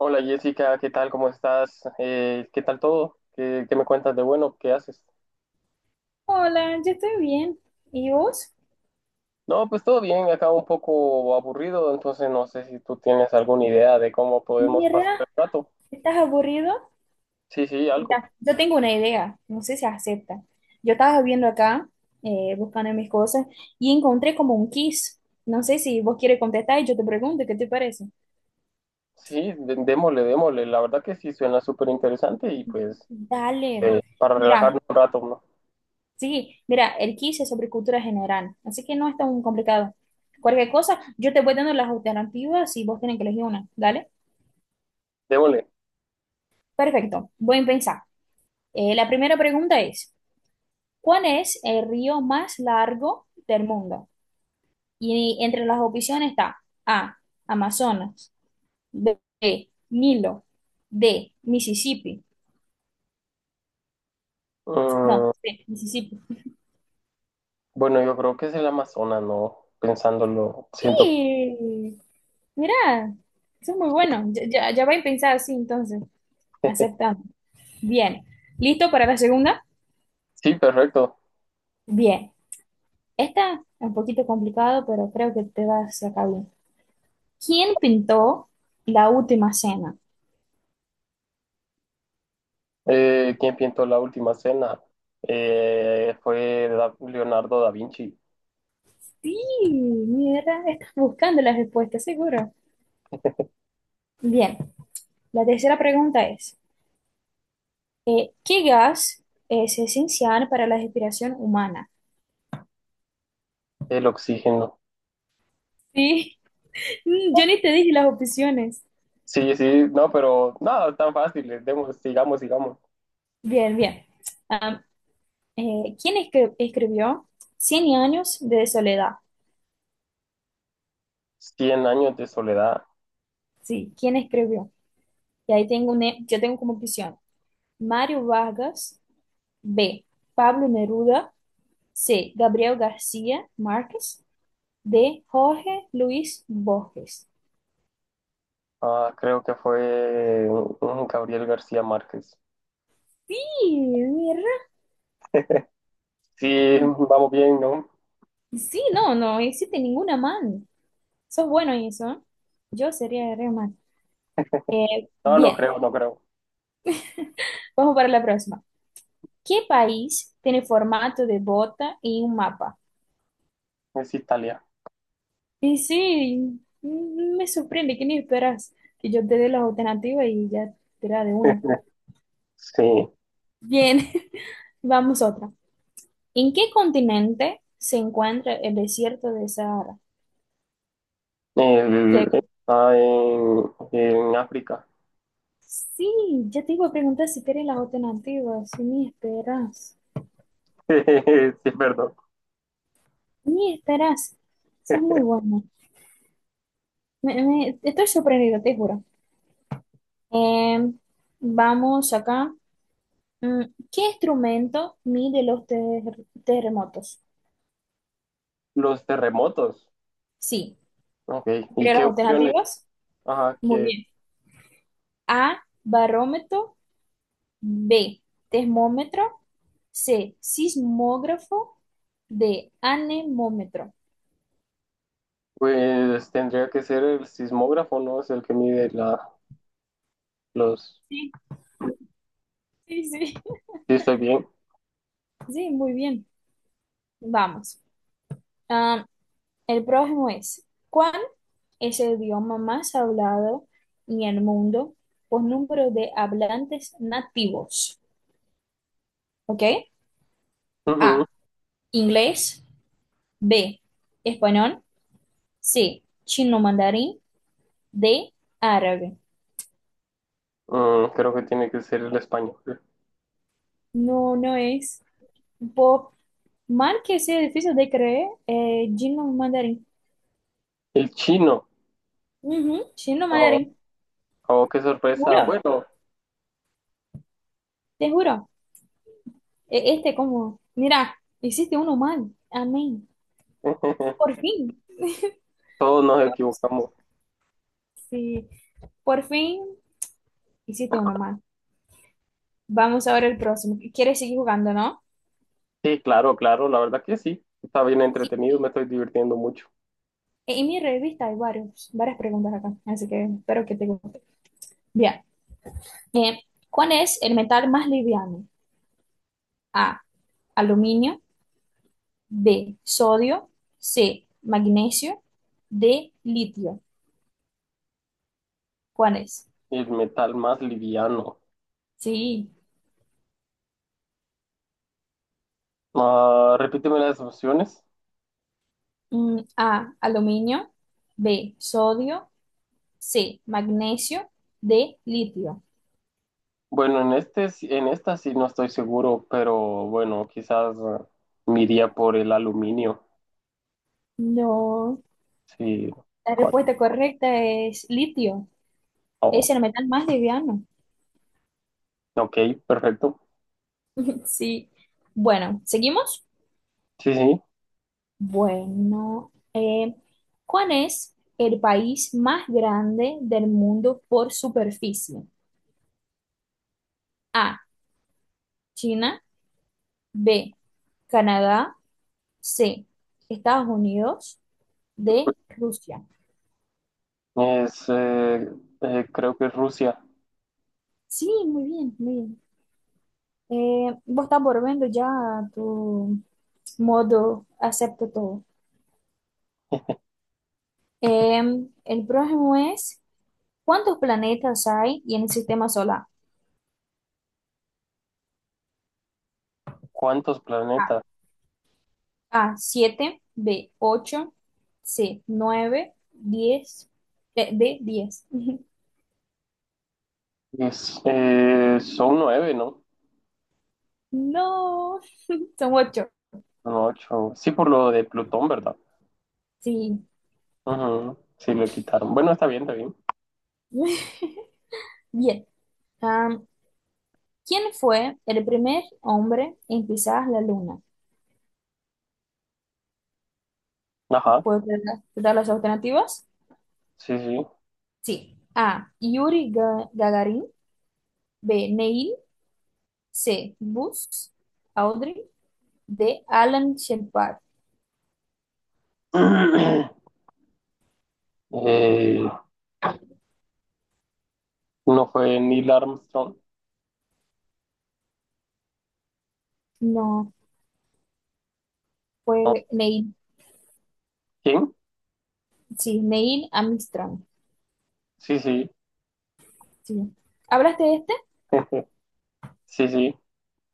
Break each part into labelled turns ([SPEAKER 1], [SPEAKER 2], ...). [SPEAKER 1] Hola Jessica, ¿qué tal? ¿Cómo estás? ¿Qué tal todo? ¿Qué me cuentas de bueno? ¿Qué haces?
[SPEAKER 2] Hola, yo estoy bien. ¿Y vos?
[SPEAKER 1] No, pues todo bien, acá un poco aburrido, entonces no sé si tú tienes alguna idea de cómo podemos pasar
[SPEAKER 2] Mira,
[SPEAKER 1] el rato.
[SPEAKER 2] ¿estás aburrido?
[SPEAKER 1] Sí, sí, algo.
[SPEAKER 2] Mira, yo tengo una idea, no sé si acepta. Yo estaba viendo acá, buscando mis cosas, y encontré como un quiz. No sé si vos quieres contestar y yo te pregunto, ¿qué te parece?
[SPEAKER 1] Sí, démosle, démosle. La verdad que sí suena súper interesante y pues
[SPEAKER 2] Dale.
[SPEAKER 1] para
[SPEAKER 2] Mira,
[SPEAKER 1] relajarnos un rato, ¿no?
[SPEAKER 2] sí, mira, el quiz es sobre cultura general, así que no es tan complicado. Cualquier cosa, yo te voy dando las alternativas y vos tenés que elegir una, ¿dale?
[SPEAKER 1] Démosle.
[SPEAKER 2] Perfecto, voy a pensar. La primera pregunta es: ¿Cuál es el río más largo del mundo? Y entre las opciones está A, Amazonas, B, Nilo, D, Mississippi. No,
[SPEAKER 1] Mm,
[SPEAKER 2] C, Mississippi.
[SPEAKER 1] bueno, yo creo que es el Amazonas, ¿no? Pensándolo, siento.
[SPEAKER 2] Y mira, eso es muy bueno. Ya, ya, ya voy a pensar así, entonces. Aceptamos. Bien. ¿Listo para la segunda?
[SPEAKER 1] Sí, perfecto.
[SPEAKER 2] Bien. Esta es un poquito complicado, pero creo que te vas a sacar bien. ¿Quién pintó la última cena?
[SPEAKER 1] Quien pintó la última cena fue Leonardo da Vinci,
[SPEAKER 2] Sí, mira, estás buscando la respuesta, seguro. Bien, la tercera pregunta es, ¿qué gas es esencial para la respiración humana?
[SPEAKER 1] el oxígeno.
[SPEAKER 2] Sí, yo ni te dije las opciones.
[SPEAKER 1] Sí, sí, no, pero nada, tan fácil, demos, sigamos, sigamos.
[SPEAKER 2] Bien, bien. Am, ¿Quién escribió Cien años de soledad?
[SPEAKER 1] Cien años de soledad,
[SPEAKER 2] Sí, ¿quién escribió? Y ahí tengo un yo tengo como opción Mario Vargas, B, Pablo Neruda, C, Gabriel García Márquez, D, Jorge Luis Borges.
[SPEAKER 1] ah, creo que fue Gabriel García Márquez.
[SPEAKER 2] Sí, mira.
[SPEAKER 1] Sí, vamos bien, ¿no?
[SPEAKER 2] Sí, no, no existe ninguna man. Sos bueno en eso, ¿eh? Yo sería re man.
[SPEAKER 1] No, no
[SPEAKER 2] Bien,
[SPEAKER 1] creo, no creo,
[SPEAKER 2] vamos para la próxima. ¿Qué país tiene formato de bota y un mapa?
[SPEAKER 1] es Italia.
[SPEAKER 2] Y sí, me sorprende que ni esperas que yo te dé las alternativas y ya te da de una.
[SPEAKER 1] Sí,
[SPEAKER 2] Bien, vamos otra. ¿En qué continente se encuentra el desierto de Sahara?
[SPEAKER 1] el-
[SPEAKER 2] Que-
[SPEAKER 1] está en África.
[SPEAKER 2] Sí, ya te iba a preguntar si querés las alternativas, si ni esperas.
[SPEAKER 1] Sí, perdón.
[SPEAKER 2] Y estarás. Eso es muy bueno. Estoy sorprendido, te juro. Eh, Vamos acá. Mm, ¿Qué instrumento mide los terremotos?
[SPEAKER 1] Los terremotos.
[SPEAKER 2] Sí.
[SPEAKER 1] Ok, ¿y
[SPEAKER 2] Pero
[SPEAKER 1] qué
[SPEAKER 2] las
[SPEAKER 1] opciones?
[SPEAKER 2] alternativas.
[SPEAKER 1] Ajá,
[SPEAKER 2] Muy
[SPEAKER 1] que
[SPEAKER 2] bien. A, barómetro. B, termómetro. C, sismógrafo. D, anemómetro.
[SPEAKER 1] pues tendría que ser el sismógrafo, ¿no? Es el que mide la, los...
[SPEAKER 2] Sí, sí, sí.
[SPEAKER 1] Sí, estoy bien.
[SPEAKER 2] Sí, muy bien. Vamos. Ah, el próximo es, ¿cuál es el idioma más hablado en el mundo por número de hablantes nativos? ¿Ok? A,
[SPEAKER 1] Ujú.
[SPEAKER 2] inglés, B, español, C, chino mandarín, D, árabe.
[SPEAKER 1] Mm, creo que tiene que ser el español.
[SPEAKER 2] No, no es. Por mal que sea difícil de creer, chino mandarín.
[SPEAKER 1] El chino.
[SPEAKER 2] Ujú, chino
[SPEAKER 1] Oh,
[SPEAKER 2] mandarín.
[SPEAKER 1] oh, qué
[SPEAKER 2] Te
[SPEAKER 1] sorpresa.
[SPEAKER 2] juro,
[SPEAKER 1] Bueno,
[SPEAKER 2] te juro. Este como, mira, hiciste uno mal. Amén. Por fin.
[SPEAKER 1] todos nos equivocamos.
[SPEAKER 2] Sí, por fin hiciste uno más. Vamos ahora ver el próximo. ¿Quieres seguir jugando, no?
[SPEAKER 1] Sí, claro, claro, la verdad que sí. Está bien
[SPEAKER 2] Sí,
[SPEAKER 1] entretenido, me estoy divirtiendo mucho.
[SPEAKER 2] en mi revista hay varias preguntas acá, así que espero que te guste. Bien. Eh, ¿Cuál es el metal más liviano? A, aluminio, B, sodio, C, magnesio, D, litio. ¿Cuál es?
[SPEAKER 1] El metal más liviano.
[SPEAKER 2] Sí,
[SPEAKER 1] Ah, repíteme las opciones.
[SPEAKER 2] A, aluminio, B, sodio, C, magnesio, D, litio.
[SPEAKER 1] Bueno, en este, en esta sí no estoy seguro, pero bueno, quizás me iría por el aluminio.
[SPEAKER 2] No.
[SPEAKER 1] Sí,
[SPEAKER 2] La respuesta correcta es litio. Es
[SPEAKER 1] Kosovo.
[SPEAKER 2] el metal más liviano.
[SPEAKER 1] Ok, perfecto.
[SPEAKER 2] Sí. Bueno, ¿seguimos?
[SPEAKER 1] Sí, sí,
[SPEAKER 2] Bueno, ¿cuál es el país más grande del mundo por superficie? A, China, B, Canadá, C, Estados Unidos, D, Rusia.
[SPEAKER 1] es, creo que es Rusia.
[SPEAKER 2] Sí, muy bien, muy bien. Vos estás volviendo ya a tu modo, acepto todo. Eh, el próximo es: ¿Cuántos planetas hay en el sistema solar?
[SPEAKER 1] ¿Cuántos
[SPEAKER 2] A,
[SPEAKER 1] planetas?
[SPEAKER 2] 7, B, 8, C, 9, 10, D, 10.
[SPEAKER 1] Es, son nueve, ¿no?
[SPEAKER 2] No, son 8.
[SPEAKER 1] Son ocho. Sí, por lo de Plutón, ¿verdad?
[SPEAKER 2] Sí.
[SPEAKER 1] Ujú, sí, lo quitaron. Bueno, está bien, está bien.
[SPEAKER 2] Bien. Am, ¿Quién fue el primer hombre en pisar la luna?
[SPEAKER 1] Ajá,
[SPEAKER 2] ¿Puedo dar las alternativas?
[SPEAKER 1] sí, sí.
[SPEAKER 2] Sí. A, Yuri Gagarin, B, Neil, C, Buzz, Aldrin, D, Alan Shepard.
[SPEAKER 1] Eh, no fue Neil Armstrong.
[SPEAKER 2] No,
[SPEAKER 1] ¿No?
[SPEAKER 2] fue Neil.
[SPEAKER 1] ¿Quién?
[SPEAKER 2] Sí, Neil Armstrong.
[SPEAKER 1] Sí, sí,
[SPEAKER 2] Sí. ¿Hablaste de este?
[SPEAKER 1] sí, sí.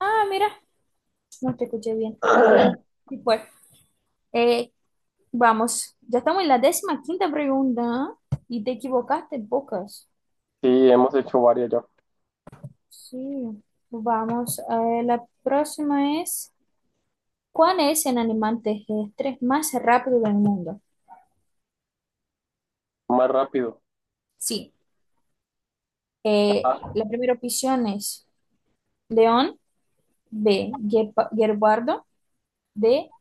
[SPEAKER 2] Ah, mira, no te escuché bien, pero sí fue. Eh, Vamos, ya estamos en la 15.ª pregunta, ¿eh? Y te equivocaste pocas.
[SPEAKER 1] Sí, hemos hecho varias ya.
[SPEAKER 2] Sí, vamos, la próxima es, ¿cuál es el animal terrestre más rápido del mundo?
[SPEAKER 1] Más rápido.
[SPEAKER 2] Sí,
[SPEAKER 1] Ajá,
[SPEAKER 2] la primera opción es león, B, guepardo, D,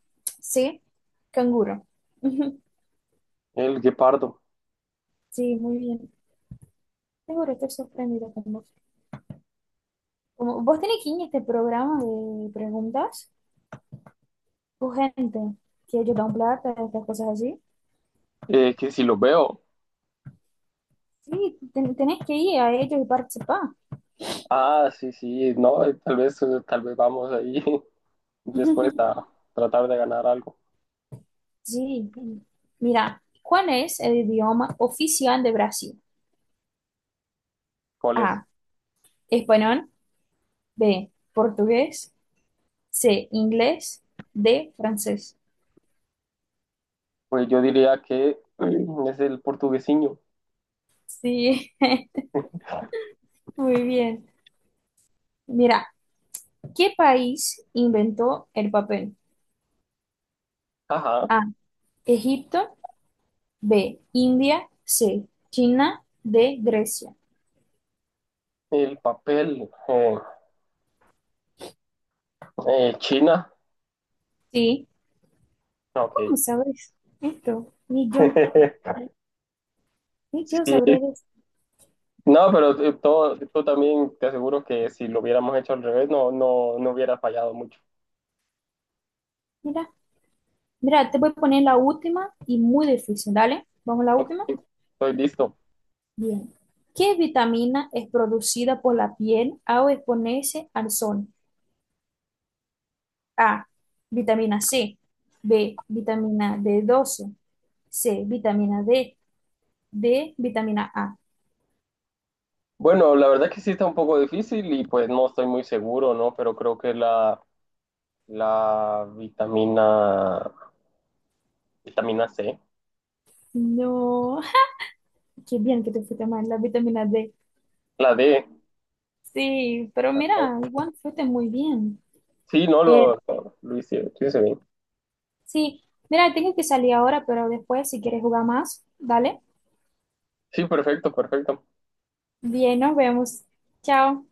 [SPEAKER 2] C, canguro.
[SPEAKER 1] el guepardo.
[SPEAKER 2] Sí, muy bien. Seguro, estoy sorprendida con vos. Como vos tenés que ir a este programa de preguntas tu gente que ellos dan plata, estas cosas así.
[SPEAKER 1] Que si lo veo.
[SPEAKER 2] Sí, tenés que ir a ellos y participar.
[SPEAKER 1] Ah, sí, sí, no, tal vez vamos ahí después a tratar de ganar algo.
[SPEAKER 2] Sí. Mira, ¿cuál es el idioma oficial de Brasil?
[SPEAKER 1] ¿Cuál es?
[SPEAKER 2] A, español, B, portugués, C, inglés, D, francés.
[SPEAKER 1] Pues yo diría que es el portuguesiño.
[SPEAKER 2] Sí, muy bien. Mira, ¿qué país inventó el papel?
[SPEAKER 1] Ajá,
[SPEAKER 2] A, Egipto, B. India. C. China. D. Grecia.
[SPEAKER 1] el papel. China.
[SPEAKER 2] Sí.
[SPEAKER 1] Ok.
[SPEAKER 2] ¿Cómo sabes esto? Ni yo. Ni yo
[SPEAKER 1] Sí,
[SPEAKER 2] sabré de esto.
[SPEAKER 1] no, pero todo, tú también te aseguro que si lo hubiéramos hecho al revés, no, no, no hubiera fallado mucho.
[SPEAKER 2] Mira. Mira, te voy a poner la última y muy difícil. Dale. Vamos a la
[SPEAKER 1] Ok,
[SPEAKER 2] última.
[SPEAKER 1] estoy listo.
[SPEAKER 2] Bien. ¿Qué vitamina es producida por la piel al exponerse al sol? A. Vitamina C. B. Vitamina d 12. C. Vitamina D. D. Vitamina A.
[SPEAKER 1] Bueno, la verdad que sí está un poco difícil y pues no estoy muy seguro, ¿no? Pero creo que la vitamina, vitamina C,
[SPEAKER 2] No. Qué bien que te fuiste mal. La vitamina D.
[SPEAKER 1] la D.
[SPEAKER 2] Sí, pero
[SPEAKER 1] Ah,
[SPEAKER 2] mira, igual fuiste muy bien.
[SPEAKER 1] sí, no,
[SPEAKER 2] Eh,
[SPEAKER 1] lo hice, lo hice bien.
[SPEAKER 2] sí, mira, tengo que salir ahora, pero después si quieres jugar más, dale.
[SPEAKER 1] Sí, perfecto, perfecto.
[SPEAKER 2] Bien, nos vemos. Chao.